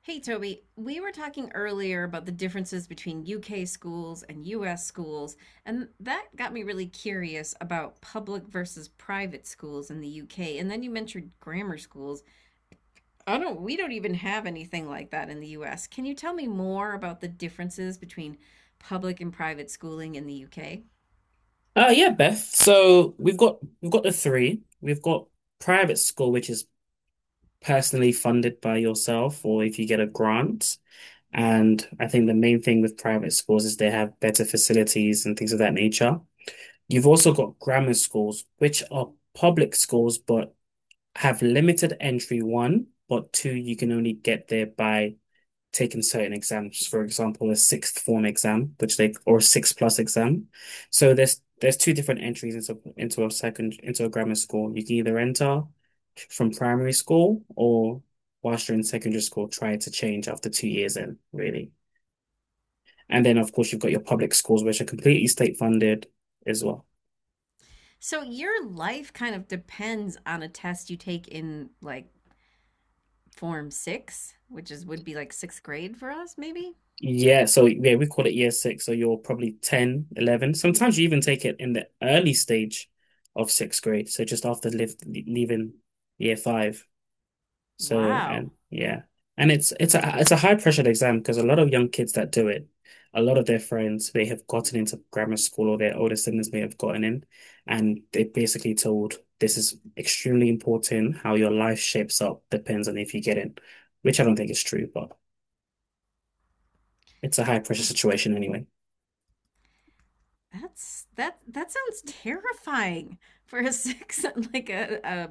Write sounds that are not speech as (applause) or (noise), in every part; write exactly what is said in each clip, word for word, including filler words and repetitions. Hey, Toby, we were talking earlier about the differences between U K schools and U S schools, and that got me really curious about public versus private schools in the U K. And then you mentioned grammar schools. I don't, we don't even have anything like that in the U S. Can you tell me more about the differences between public and private schooling in the U K? Uh yeah, Beth, so we've got we've got the three. We've got private school, which is personally funded by yourself or if you get a grant. And I think the main thing with private schools is they have better facilities and things of that nature. You've also got grammar schools, which are public schools but have limited entry one, but two, you can only get there by taken certain exams, for example, a sixth form exam, which they or six plus exam. So there's there's two different entries into into a second into a grammar school. You can either enter from primary school or whilst you're in secondary school, try to change after two years in, really. And then of course you've got your public schools, which are completely state funded as well. So your life kind of depends on a test you take in like form six, which is would be like sixth grade for us, maybe? Yeah, so yeah, we call it year six. So you're probably ten, eleven. Sometimes you even take it in the early stage of sixth grade. So just after live, leaving year five. So and Wow. yeah, and it's it's a it's a high pressured exam because a lot of young kids that do it, a lot of their friends they have gotten into grammar school or their older siblings may have gotten in, and they're basically told this is extremely important. How your life shapes up depends on if you get in, which I don't think is true, but it's a high pressure situation anyway. That's that that sounds terrifying for a six (laughs) like a, a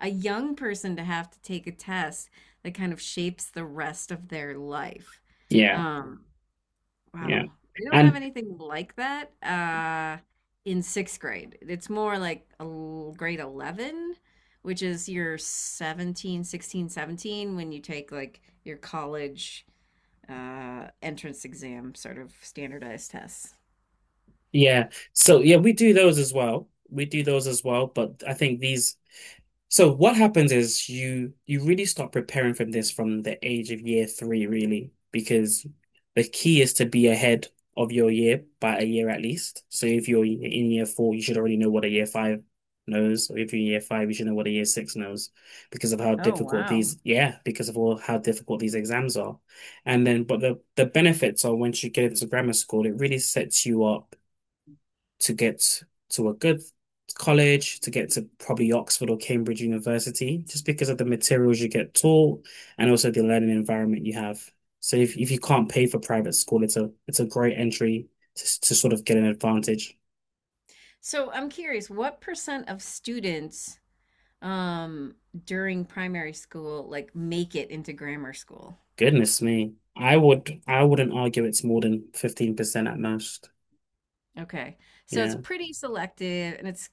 a young person to have to take a test that kind of shapes the rest of their life. Yeah. Um, Yeah. wow. We don't have And anything like that uh in sixth grade. It's more like a l- grade eleven, which is your seventeen, sixteen, seventeen when you take like your college uh entrance exam sort of standardized tests. yeah, so yeah, we do those as well. We do those as well, but I think these So what happens is you you really start preparing from this from the age of year three, really, because the key is to be ahead of your year by a year at least. So if you're in year four, you should already know what a year five knows, or if you're in year five, you should know what a year six knows because of how Oh, difficult wow. these, yeah, because of all how difficult these exams are. And then, but the the benefits are once you get into grammar school, it really sets you up to get to a good college, to get to probably Oxford or Cambridge University, just because of the materials you get taught and also the learning environment you have. So if if you can't pay for private school, it's a it's a great entry to to sort of get an advantage. So I'm curious, what percent of students um, during primary school like make it into grammar school? Goodness me. I would I wouldn't argue it's more than fifteen percent at most. Okay. So it's Yeah. pretty selective and it's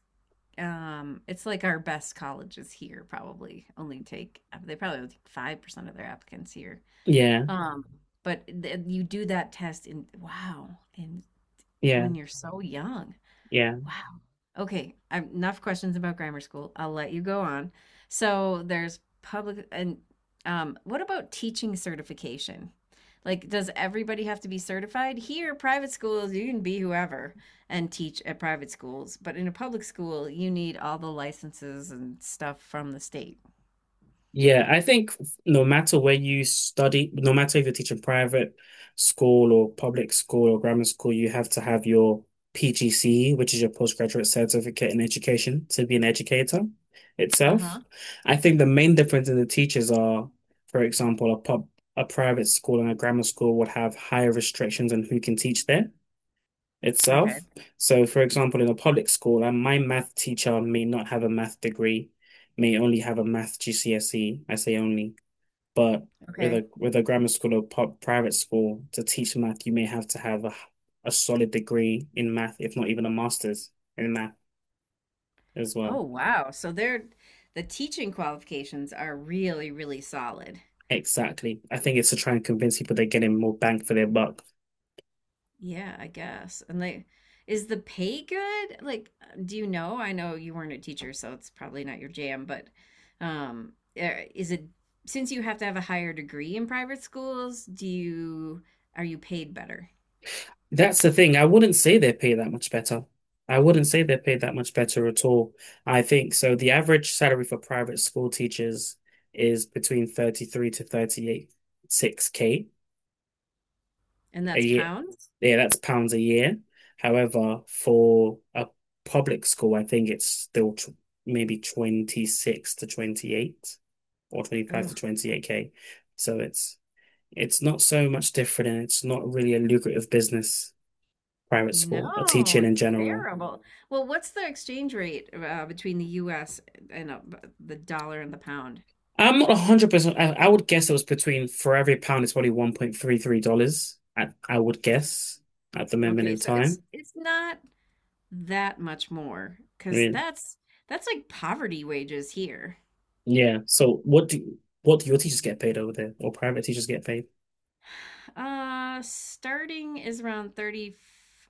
um it's like our best colleges here probably only take they probably only take five percent of their applicants here. Yeah. Um but th you do that test in, wow, and Yeah. when you're so young. Yeah. Wow. Okay. I'm enough questions about grammar school. I'll let you go on. So there's public and um, what about teaching certification? Like, does everybody have to be certified? Here, private schools, you can be whoever and teach at private schools, but in a public school, you need all the licenses and stuff from the state. Yeah, I think no matter where you study, no matter if you're teaching private school or public school or grammar school, you have to have your P G C E, which is your postgraduate certificate in education, to be an educator Uh-huh. itself. I think the main difference in the teachers are, for example, a pub, a private school and a grammar school would have higher restrictions on who can teach there Okay. itself. So, for example, in a public school, and my math teacher may not have a math degree, may only have a math G C S E. I say only, but with Okay. a with a grammar school or pu- private school to teach math, you may have to have a a solid degree in math, if not even a master's in math as Oh, well. wow. So they're the teaching qualifications are really, really solid. Exactly. I think it's to try and convince people they're getting more bang for their buck. Yeah, I guess. And like, is the pay good? Like, do you know? I know you weren't a teacher, so it's probably not your jam, but um, eh, is it since you have to have a higher degree in private schools, do you are you paid better? That's the thing. I wouldn't say they're paid that much better. I wouldn't say they're paid that much better at all. I think so. The average salary for private school teachers is between thirty-three to thirty-eight, six k And a that's year. pounds? Yeah, that's pounds a year. However, for a public school, I think it's still tw maybe twenty-six to twenty-eight or twenty-five Oh. to twenty-eight k. So it's it's not so much different and it's not really a lucrative business, private school or No, teaching in it's general. terrible. Well, what's the exchange rate uh, between the U S and uh, b- the dollar and the pound? I'm not one hundred percent. I, I would guess it was between, for every pound, it's probably one dollar thirty-three. I, I would guess at the moment Okay, in so it's time. it's not that much more I because mean, that's that's like poverty wages here. yeah. So what do what do your teachers get paid over there or private teachers get paid? Uh, starting is around thirty.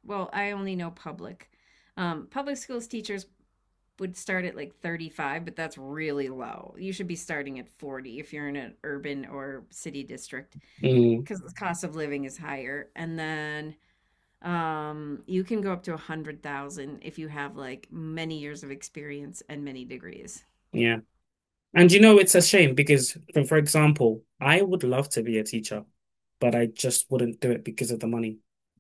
Well, I only know public. Um, public schools teachers would start at like thirty-five, but that's really low. You should be starting at forty if you're in an urban or city district, Mm, because the cost of living is higher. And then um, you can go up to a hundred thousand if you have like many years of experience and many degrees. yeah. And you know, it's a shame because, for example, I would love to be a teacher, but I just wouldn't do it because of the money.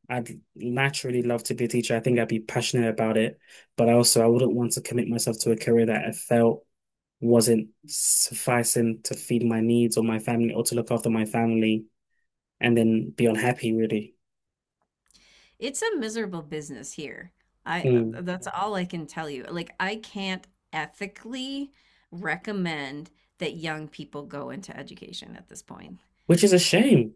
I'd naturally love to be a teacher. I think I'd be passionate about it, but also I wouldn't want to commit myself to a career that I felt wasn't sufficing to feed my needs or my family or to look after my family and then be unhappy, really. It's a miserable business here. I Mm. that's all I can tell you. Like I can't ethically recommend that young people go into education at this point. Which is a shame.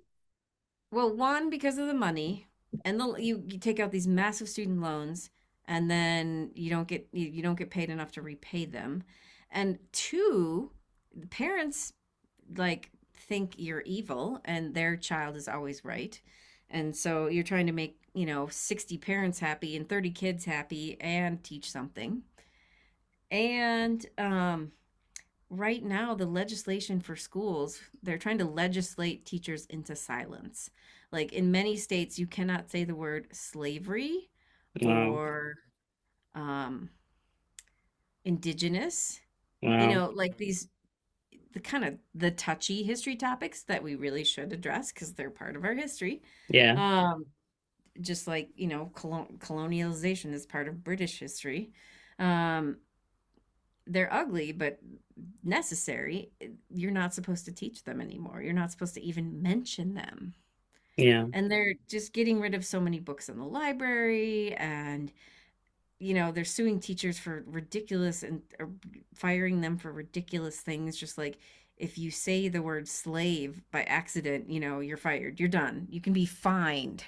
Well, one, because of the money, and the you, you take out these massive student loans, and then you don't get you, you don't get paid enough to repay them. And two, the parents like think you're evil and their child is always right. And so you're trying to make, you know, sixty parents happy and thirty kids happy and teach something. And um, right now, the legislation for schools, they're trying to legislate teachers into silence. Like in many states, you cannot say the word slavery Wow. or um, indigenous, you Wow. know, like these the kind of the touchy history topics that we really should address because they're part of our history. Yeah. Um, just like, you know, colon- colonialization is part of British history. Um, they're ugly, but necessary. You're not supposed to teach them anymore. You're not supposed to even mention them. Yeah. And they're just getting rid of so many books in the library, and you know, they're suing teachers for ridiculous and or firing them for ridiculous things. Just like if you say the word slave by accident, you know, you're fired. You're done. You can be fined.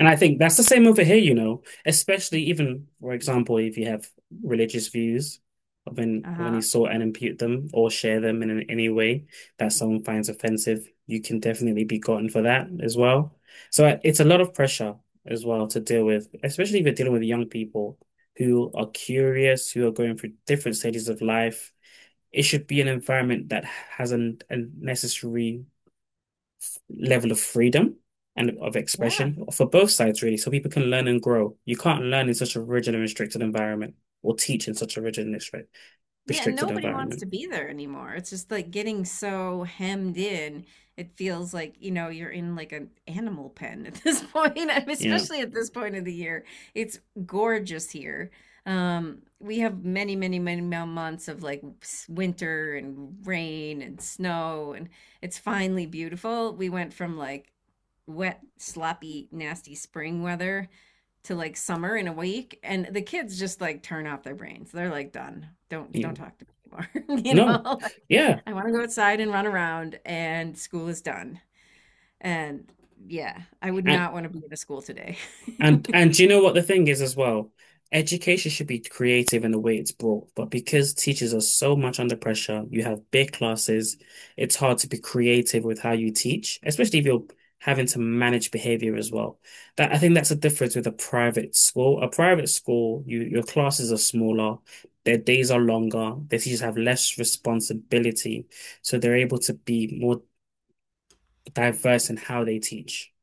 And I think that's the same over here, you know, especially even, for example, if you have religious views of any, Uh of any huh. sort and impute them or share them in an- any way that someone finds offensive, you can definitely be gotten for that as well. So I- it's a lot of pressure as well to deal with, especially if you're dealing with young people who are curious, who are going through different stages of life. It should be an environment that has a, a necessary level of freedom and of Yeah. expression for both sides, really, so people can learn and grow. You can't learn in such a rigid and restricted environment or teach in such a rigid and restrict- Yeah, and restricted nobody wants environment. to be there anymore. It's just like getting so hemmed in. It feels like, you know, you're in like an animal pen at this (laughs) point. I mean, Yeah. especially at this point of the year. It's gorgeous here. Um, we have many, many, many mo- months of like s- winter and rain and snow, and it's finally beautiful. We went from like wet, sloppy, nasty spring weather to like summer in a week, and the kids just like turn off their brains. They're like done. Don't don't Yeah. talk to me anymore. (laughs) you No. know like, Yeah. i want to go outside and run around and school is done, and yeah, I would And not want to be at a school today. And (laughs) and do you know what the thing is as well? Education should be creative in the way it's brought, but because teachers are so much under pressure, you have big classes, it's hard to be creative with how you teach, especially if you're having to manage behavior as well. That I think that's the difference with a private school. A private school, you your classes are smaller, their days are longer, their teachers have less responsibility, so they're able to be more diverse in how they teach.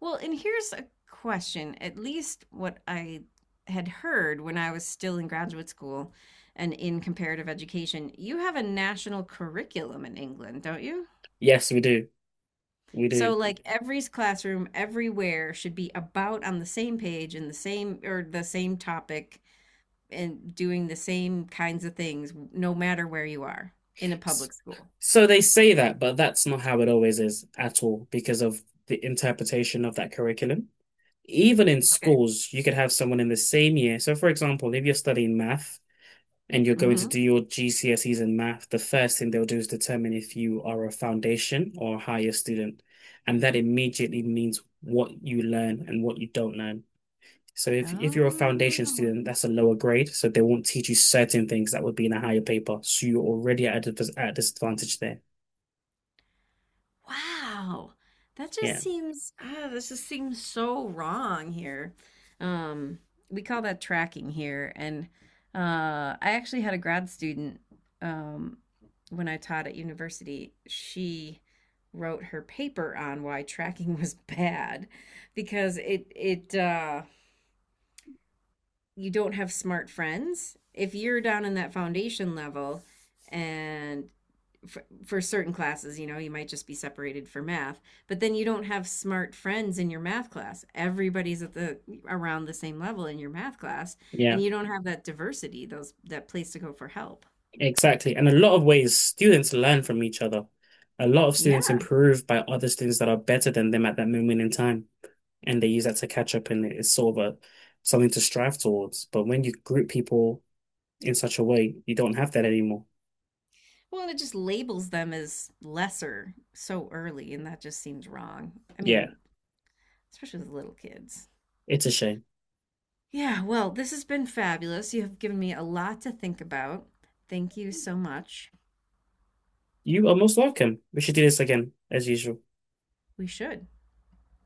Well, and here's a question, at least what I had heard when I was still in graduate school and in comparative education: you have a national curriculum in England, don't you? Yes, we do. We So do. like every classroom everywhere should be about on the same page and the same, or the same topic, and doing the same kinds of things no matter where you are in a public school. So they say that, but that's not how it always is at all because of the interpretation of that curriculum. Even in Okay. schools, you could have someone in the same year. So, for example, if you're studying math and you're going to Hmm. do your G C S Es in math, the first thing they'll do is determine if you are a foundation or a higher student. And that immediately means what you learn and what you don't learn. So if, if you're a foundation Oh. student, that's a lower grade. So they won't teach you certain things that would be in a higher paper. So you're already at a, at a disadvantage there. Wow. That just Yeah. seems ah, this just seems so wrong here. Um, we call that tracking here. And uh, I actually had a grad student um, when I taught at university. She wrote her paper on why tracking (laughs) was bad because it it uh, you don't have smart friends. If you're down in that foundation level, and for, for certain classes, you know, you might just be separated for math, but then you don't have smart friends in your math class. Everybody's at the around the same level in your math class, Yeah, and you don't have that diversity, those that place to go for help. exactly. And a lot of ways students learn from each other. A lot of students Yeah. improve by other students that are better than them at that moment in time. And they use that to catch up and it's sort of a something to strive towards. But when you group people in such a way, you don't have that anymore. Well, and it just labels them as lesser so early, and that just seems wrong. I Yeah, mean, especially with little kids. it's a shame. Yeah, well, this has been fabulous. You have given me a lot to think about. Thank you so much. You are most welcome. We should do this again, as usual. We should.